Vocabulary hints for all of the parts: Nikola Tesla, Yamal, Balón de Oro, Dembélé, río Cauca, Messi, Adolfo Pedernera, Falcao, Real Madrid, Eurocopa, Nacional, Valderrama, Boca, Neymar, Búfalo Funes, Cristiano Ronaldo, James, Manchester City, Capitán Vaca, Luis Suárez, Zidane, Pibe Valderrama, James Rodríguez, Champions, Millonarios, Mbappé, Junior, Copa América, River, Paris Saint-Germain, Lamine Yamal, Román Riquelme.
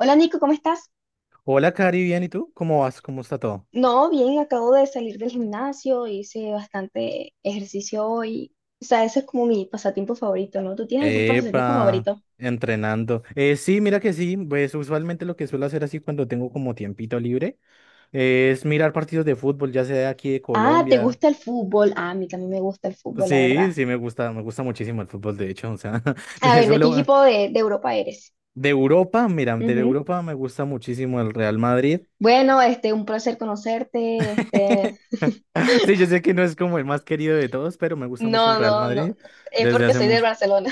Hola Nico, ¿cómo estás? Hola, Cari, bien, ¿y tú? ¿Cómo vas? ¿Cómo está todo? No, bien, acabo de salir del gimnasio, hice bastante ejercicio hoy. O sea, ese es como mi pasatiempo favorito, ¿no? ¿Tú tienes algún pasatiempo Epa, favorito? entrenando. Sí, mira que sí, pues usualmente lo que suelo hacer así cuando tengo como tiempito libre es mirar partidos de fútbol, ya sea de aquí de Ah, ¿te Colombia. gusta el fútbol? Ah, a mí también me gusta el fútbol, la verdad. Sí, sí, me gusta muchísimo el fútbol, de hecho, o sea, A le ver, ¿de qué suelo... equipo de Europa eres? De Europa, mira, de Ujú. Europa me gusta muchísimo el Real Madrid. Bueno, este, un placer conocerte, este. Sí, yo sé que no es como el más querido de todos, pero me gusta mucho el No, Real no, no, no, Madrid es desde porque hace soy de mucho. Barcelona.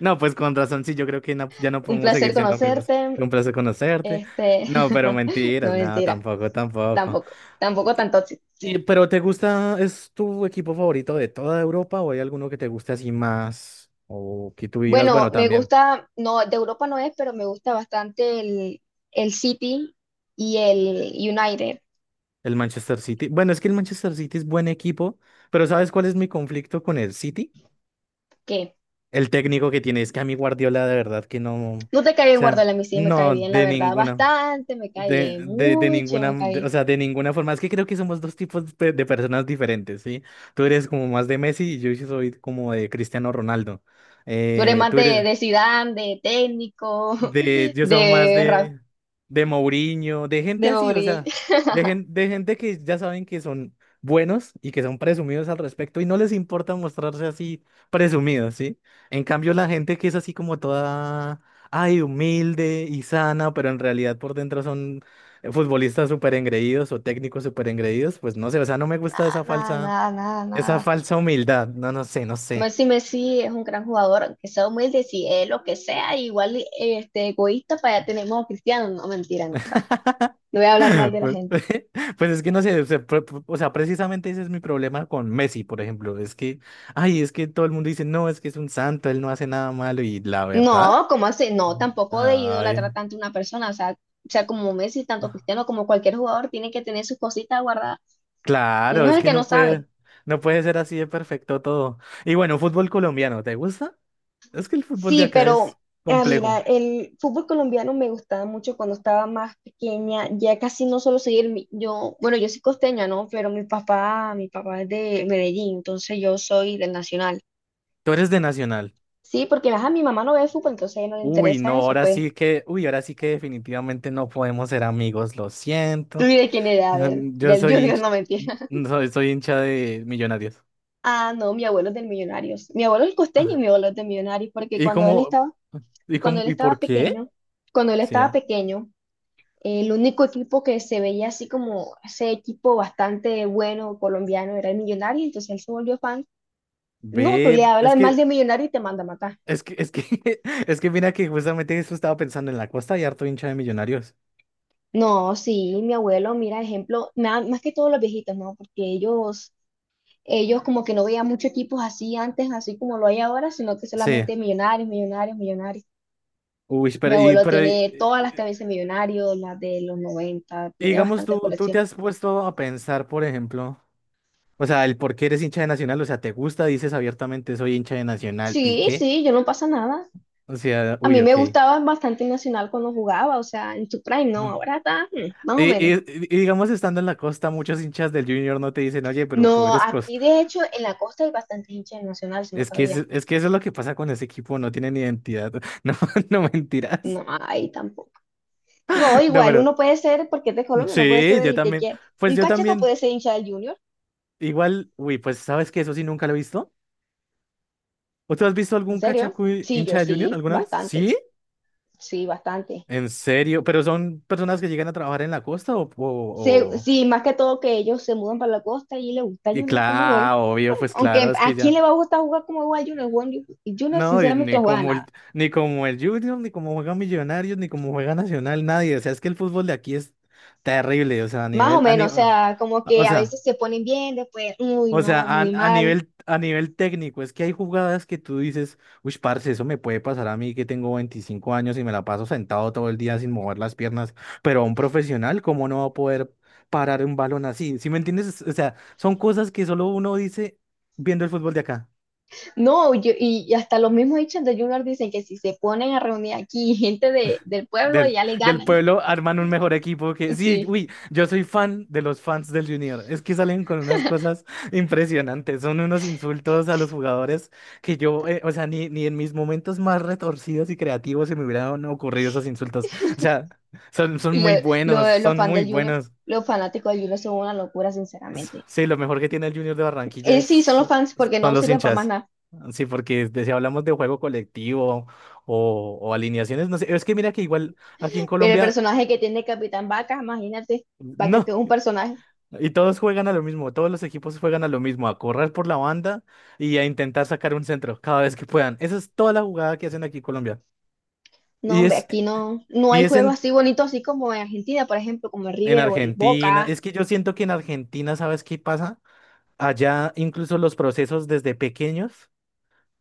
No, pues con razón, sí, yo creo que ya no Un podemos placer seguir siendo amigos. Fue conocerte, un placer conocerte. este. No, pero No, mentiras, no, mentira, tampoco, tampoco. tampoco, tampoco Y- tanto. Pero ¿te gusta, es tu equipo favorito de toda Europa o hay alguno que te guste así más? O que tú digas, Bueno, bueno, me también gusta, no, de Europa no es, pero me gusta bastante el, City y el United, el Manchester City. Bueno, es que el Manchester City es buen equipo, pero ¿sabes cuál es mi conflicto con el City? que El técnico que tiene, es que a mí Guardiola de verdad que no, o no te cae bien sea, Guardiola, a mí sí me cae no, bien, la de verdad, ninguna. bastante, me cae De, bien, de, de mucho ninguna, me cae o bien. sea, de ninguna forma. Es que creo que somos dos tipos de personas diferentes, ¿sí? Tú eres como más de Messi y yo sí soy como de Cristiano Ronaldo. Tú eres Eh, más tú de, eres, de Zidane, de técnico, yo soy más de Ra- de Mourinho, de gente de así, o Mourinho, sea, de gente que ya saben que son buenos y que son presumidos al respecto y no les importa mostrarse así presumidos, ¿sí? En cambio, la gente que es así como toda, ay, humilde y sana, pero en realidad por dentro son futbolistas súper engreídos o técnicos súper engreídos, pues no sé, o sea, no me gusta nada, nada, nada, nada, esa nada. falsa humildad, no, no sé, no sé. Messi, Messi es un gran jugador, aunque sea humilde, si es lo que sea, igual este, egoísta, para allá tenemos a Cristiano, no, mentira, no, tampoco. No voy a hablar mal de la Pues, gente. pues es que no sé, o sea, o sea, precisamente ese es mi problema con Messi, por ejemplo. Es que, ay, es que todo el mundo dice, no, es que es un santo, él no hace nada malo. Y la verdad, No, ¿cómo así? No, tampoco de ay, idolatrar tanto a una persona. O sea, como Messi, tanto ah, Cristiano como cualquier jugador, tiene que tener sus cositas guardadas. claro, Uno es es el que que no no sabe. puede, no puede ser así de perfecto todo. Y bueno, fútbol colombiano, ¿te gusta? Es que el fútbol de Sí, acá pero es ah, mira, complejo. el fútbol colombiano me gustaba mucho cuando estaba más pequeña, ya casi no solo seguir, yo, bueno, yo soy costeña, ¿no? Pero mi papá es de Medellín, entonces yo soy del Nacional. Tú eres de Nacional. Sí, porque ajá, mi mamá no ve fútbol, entonces a ella no le Uy, no, interesa eso, ahora pues. sí que, uy, ahora sí que definitivamente no podemos ser amigos, lo ¿Tú siento. y de quién era? A ver, Yo del soy Junior, hincha, no mentira. soy hincha de Millonarios. Ah, no, mi abuelo es del Millonarios. Mi abuelo es costeño y Ah. mi abuelo es de Millonarios, porque ¿Y cómo? ¿Y cuando cómo? él ¿Y estaba por qué? pequeño, cuando él Sí, estaba ah. pequeño, el único equipo que se veía así como ese equipo bastante bueno colombiano era el Millonario, entonces él se volvió fan. No, tú le Ve, es hablas mal que, de Millonario y te manda a matar. es que, es que, es que mira que justamente eso estaba pensando en la costa y harto hincha de Millonarios. No, sí, mi abuelo, mira, ejemplo, más que todos los viejitos, ¿no? Porque ellos como que no veían muchos equipos así antes, así como lo hay ahora, sino que Sí. solamente Millonarios, Millonarios, Millonarios. Uy, Mi abuelo tiene todas las camisas millonarios, las de los 90. y Tiene digamos, bastantes tú te colecciones. has puesto a pensar, por ejemplo, o sea, el por qué eres hincha de Nacional, o sea, te gusta, dices abiertamente, soy hincha de Nacional, ¿y Sí, qué? sí, yo no pasa nada. O sea, A uy, mí me ok. gustaba bastante Nacional cuando jugaba, o sea, en su prime, no, ahora está más o Y, menos. y- y- digamos, estando en la costa, muchos hinchas del Junior no te dicen, oye, pero tú No, eres cos... aquí de hecho en la costa hay bastante hinchas de Nacional, si no Es que, sabía. es que eso es lo que pasa con ese equipo, no tienen identidad. No, no mentiras. No, ahí tampoco. No, No, igual pero uno puede ser, porque es de Colombia, no puede ser sí, yo el que también. quiera. Pues Un yo cachaca también, puede ser hincha del Junior, igual, uy, pues sabes que eso sí nunca lo he visto. ¿O tú has visto ¿en algún serio? cachacu Sí, yo hincha de Junior sí, alguna vez? bastante, Sí, sí, bastante. en serio. Pero son personas que llegan a trabajar en la costa o- Sí, más que todo que ellos se mudan para la costa y le gusta a Y Junior cómo juega. claro, obvio, pues claro, Aunque es que a quién ya. le va a gustar jugar como juega Junior, Junior No, y sinceramente ni no juega como el, nada. ni como el Junior, ni como juega Millonarios, ni como juega Nacional, nadie. O sea, es que el fútbol de aquí es terrible. O sea, a Más o nivel, a ni- menos, o sea, como que a veces se ponen bien, después, uy, o sea, no, muy mal. A nivel técnico, es que hay jugadas que tú dices, uy, parce, eso me puede pasar a mí que tengo 25 años y me la paso sentado todo el día sin mover las piernas. Pero a un profesional, ¿cómo no va a poder parar un balón así? ¿Sí me entiendes? O sea, son cosas que solo uno dice viendo el fútbol de acá. No, y hasta los mismos hinchas de Junior dicen que si se ponen a reunir aquí gente de, del pueblo, Del, ya le del ganan. pueblo arman un mejor equipo ¿No? que... Sí, Sí, uy, yo soy fan de los fans del Junior. Es que salen con unas cosas impresionantes. Son unos insultos a los jugadores que yo, o sea, ni en mis momentos más retorcidos y creativos se me hubieran ocurrido esos insultos. O sea, son lo- muy buenos, los son fans de muy Junior, buenos. los fanáticos de Junior son una locura, sinceramente. Sí, lo mejor que tiene el Junior de Barranquilla Sí, son los fans porque no son los sirven para más hinchas. nada. Sí, porque si hablamos de juego colectivo o alineaciones, no sé, es que mira que igual aquí en Pero el Colombia... personaje que tiene Capitán Vaca, imagínate, Vaca No, que es un personaje. y todos juegan a lo mismo, todos los equipos juegan a lo mismo, a correr por la banda y a intentar sacar un centro cada vez que puedan. Esa es toda la jugada que hacen aquí en Colombia. No, Y hombre, es, aquí no, no y hay es juegos en, así bonitos, así como en Argentina, por ejemplo, como el en River o el Argentina. Boca. Es que yo siento que en Argentina, ¿sabes qué pasa? Allá incluso los procesos desde pequeños,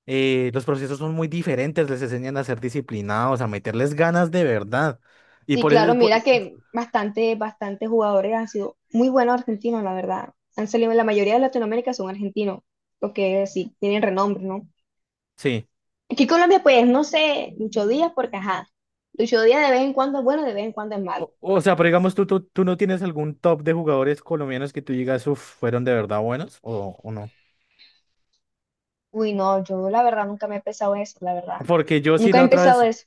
los procesos son muy diferentes, les enseñan a ser disciplinados, a meterles ganas de verdad. Y Sí, por claro, eso, mira que bastante, bastantes jugadores han sido muy buenos argentinos, la verdad. Han salido, la mayoría de Latinoamérica son argentinos, porque sí, tienen renombre, ¿no? sí. Aquí en Colombia, pues, no sé, Lucho Díaz, porque ajá, Lucho Díaz de vez en cuando es bueno, de vez en cuando es malo. O sea, pero digamos, ¿tú no tienes algún top de jugadores colombianos que tú digas, uff, fueron de verdad buenos o no? Uy, no, yo la verdad nunca me he pensado eso, la verdad. Porque yo sí Nunca he empezado eso.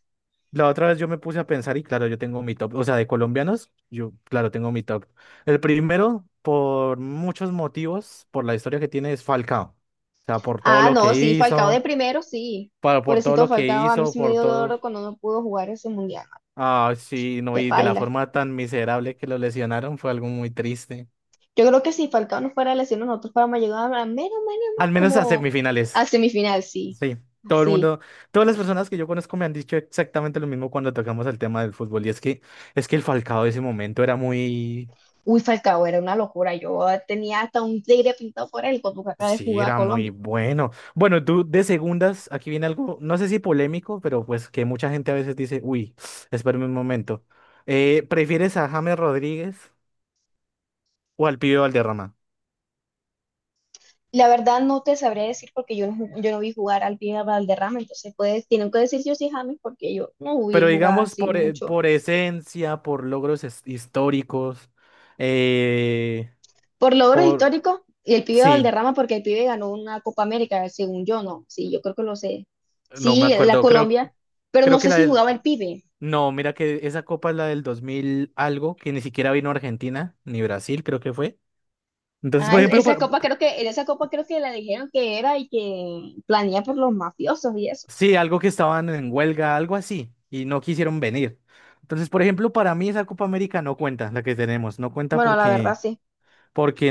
la otra vez yo me puse a pensar y claro, yo tengo mi top, o sea, de colombianos, yo claro, tengo mi top. El primero, por muchos motivos, por la historia que tiene, es Falcao. O sea, por todo Ah, lo que no, sí, Falcao de hizo, primero, sí. Por todo Pobrecito lo que Falcao, a mí hizo, sí me por dio dolor todo, cuando no pudo jugar ese mundial. ah, sí, no, Qué y de la paila. forma tan miserable que lo lesionaron, fue algo muy triste. Yo creo que si Falcao no fuera lesionado, nosotros fuéramos llegado a menos, menos, Al menos a como a semifinales, semifinal, sí. sí. Todo el Así. mundo, todas las personas que yo conozco me han dicho exactamente lo mismo cuando tocamos el tema del fútbol, y es que, el Falcao de ese momento era muy. Uy, Falcao, era una locura. Yo tenía hasta un tigre pintado por él cuando acaba de Sí, jugar a era muy Colombia. bueno. Bueno, tú de segundas, aquí viene algo, no sé si polémico, pero pues que mucha gente a veces dice, uy, espérame un momento. ¿Prefieres a James Rodríguez o al Pibe Valderrama? La verdad no te sabría decir porque yo no vi jugar al pie Valderrama, entonces pues tienen que decir yo sí James porque yo no vi Pero jugar digamos así por, mucho. por esencia, por logros históricos, eh, Por logros por... históricos y el pibe Sí, Valderrama porque el pibe ganó una Copa América, según yo, no, sí, yo creo que lo sé. no me Sí, la acuerdo, creo, Colombia, pero no creo que sé la si del... jugaba el pibe. No, mira que esa copa es la del 2000 algo, que ni siquiera vino a Argentina, ni Brasil, creo que fue. Entonces, Ah, por ejemplo, esa copa creo que, en esa copa creo que la dijeron que era y que planía por los mafiosos y eso. sí, algo que estaban en huelga, algo así, y no quisieron venir. Entonces, por ejemplo, para mí esa Copa América no cuenta, la que tenemos, no cuenta Bueno, la porque, verdad sí. porque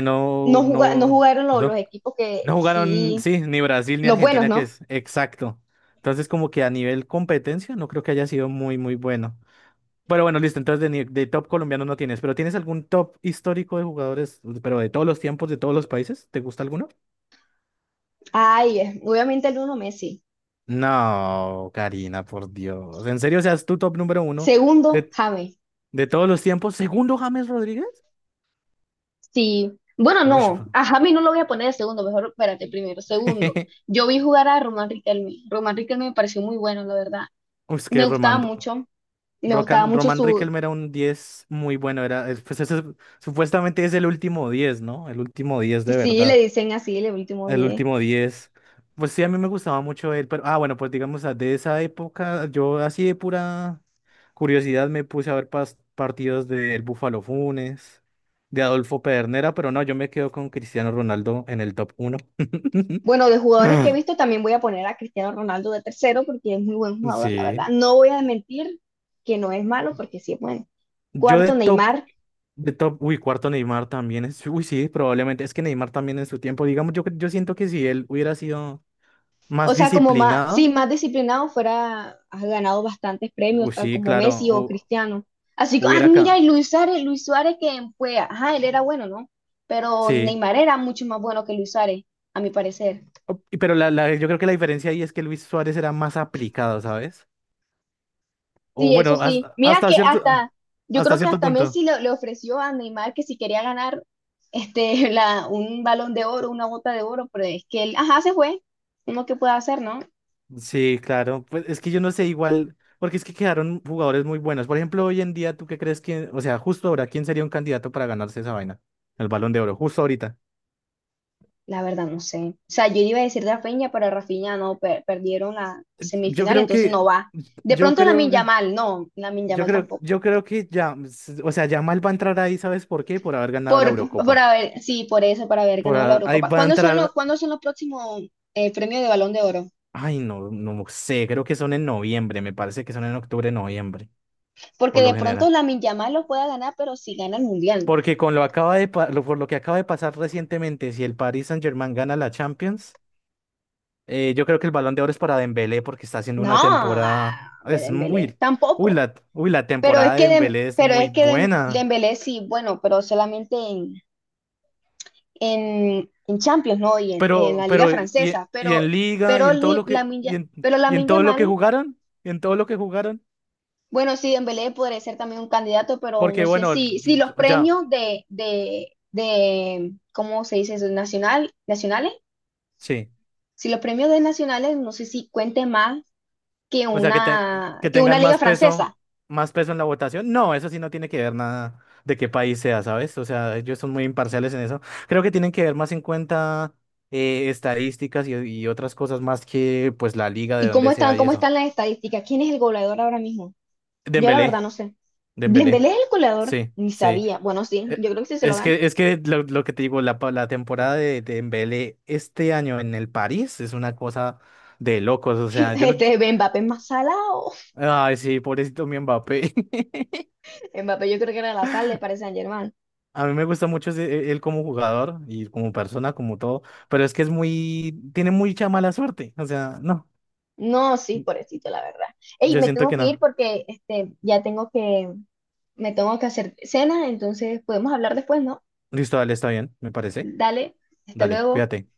No no, no no, jugaron los no, equipos que no jugaron, sí, sí, ni Brasil ni los buenos, Argentina, que ¿no? es exacto. Entonces, como que a nivel competencia, no creo que haya sido muy, muy bueno. Pero bueno, listo, entonces de, de top colombiano no tienes, pero ¿tienes algún top histórico de jugadores, pero de todos los tiempos, de todos los países? ¿Te gusta alguno? Ay, obviamente el uno Messi. No, Karina, por Dios. ¿En serio seas tu top número uno? Segundo, James. De todos los tiempos, segundo James Rodríguez. Sí, bueno, Uy, no, bro. a James no lo voy a poner de segundo, mejor espérate, primero. Segundo, yo vi jugar a Román Riquelme. Román Riquelme me pareció muy bueno, la verdad. Uy, es Me que gustaba Román, mucho, me gustaba Rocan- mucho Román su, Riquelme era un 10 muy bueno. Era, pues supuestamente es el último diez, ¿no? El último 10 de sí, le verdad. dicen así, el último El 10. último diez. Pues sí, a mí me gustaba mucho él, pero ah, bueno, pues digamos ah, de esa época, yo así de pura curiosidad me puse a ver partidos del Búfalo Funes, de Adolfo Pedernera, pero no, yo me quedo con Cristiano Ronaldo en el top uno. Bueno, de jugadores que he visto también voy a poner a Cristiano Ronaldo de tercero porque es muy buen jugador, la verdad. Sí. No voy a mentir que no es malo porque sí es bueno. Yo Cuarto, Neymar. de top, uy, cuarto Neymar también es, uy, sí, probablemente, es que Neymar también en su tiempo, digamos, yo siento que si él hubiera sido más O sea, como más, sí, disciplinado, más disciplinado fuera, has ganado bastantes premios, uy, tal sí, como claro, Messi o Cristiano. Así que, ah, hubiera mira, y acá, Luis Suárez, Luis Suárez que fue, ajá, él era bueno, ¿no? Pero sí. Neymar era mucho más bueno que Luis Suárez, a mi parecer. Y pero yo creo que la diferencia ahí es que Luis Suárez era más aplicado, ¿sabes? O Sí, eso bueno, sí. Mira que hasta, yo hasta creo que cierto hasta punto. Messi le ofreció a Neymar que si quería ganar este, un balón de oro, una bota de oro, pero es que él, ajá, se fue. Uno que puede hacer, ¿no? Sí, claro, pues es que yo no sé igual, porque es que quedaron jugadores muy buenos. Por ejemplo, hoy en día, ¿tú qué crees que, o sea, justo ahora, quién sería un candidato para ganarse esa vaina? El Balón de Oro, justo ahorita. La verdad, no sé. O sea, yo iba a decir Rafinha, pero Rafinha no, perdieron la Yo semifinal, creo entonces no que, va. De yo pronto creo Lamine que, Yamal, no, Lamine Yamal tampoco. yo creo que ya, o sea, Yamal va a entrar ahí, ¿sabes por qué? Por haber ganado la Por Eurocopa. haber, sí, por eso, por haber Por ganado la ahí Eurocopa. va a ¿Cuándo son los, entrar, cuándo son los próximos premios de Balón de Oro? ay, no, no sé, creo que son en noviembre, me parece que son en octubre, noviembre, Porque por lo de pronto general. Lamine Yamal lo pueda ganar, pero si gana el Mundial, no. Porque con lo acaba de, pa- lo- por lo que acaba de pasar recientemente, si el Paris Saint-Germain gana la Champions, yo creo que el Balón de Oro es para Dembélé porque está haciendo No, una ah, temporada, es Dembélé, muy, tampoco. Uy, la Pero es temporada de que, Dembélé es muy buena. Dembélé sí, bueno, pero solamente en en Champions, ¿no? Y en Pero, la Liga pero, y, Francesa, y pero, en liga, pero Li- Lamine Ya- pero y en Lamine todo lo que Yamal, jugaron, y en todo lo que jugaron, bueno, sí, Dembélé podría ser también un candidato, pero porque no sé bueno, si los ya, premios de, ¿cómo se dice eso? Nacional, nacionales, sí. si los premios de nacionales, no sé si cuente más que O sea, que, una, que que una tengan liga francesa. más peso en la votación. No, eso sí no tiene que ver nada de qué país sea, ¿sabes? O sea, ellos son muy imparciales en eso. Creo que tienen que ver más en cuenta estadísticas y otras cosas más que pues la liga de ¿Y cómo donde están, sea y cómo eso. están las estadísticas? ¿Quién es el goleador ahora mismo? Yo la Dembélé, verdad no sé. Dembélé. ¿Dembélé es el goleador? Sí, Ni sí. sabía. Bueno, sí, Eh, yo creo que sí se lo Es gana. que, es que lo que te digo, la temporada de Dembélé este año en el París es una cosa de locos. O sea, yo no. Este Mbappé es más salado. Ay, sí, pobrecito mi Mbappé. Mbappé yo creo que era la sal de Paris Saint-Germain. A mí me gusta mucho él como jugador y como persona, como todo. Pero es que es muy. Tiene mucha mala suerte. O sea, no. No, sí, pobrecito, la verdad. Ey, Yo me siento tengo que que ir no. porque este, me tengo que hacer cena, entonces podemos hablar después, ¿no? Listo, dale, está bien, me parece. Dale, hasta Dale, luego. cuídate.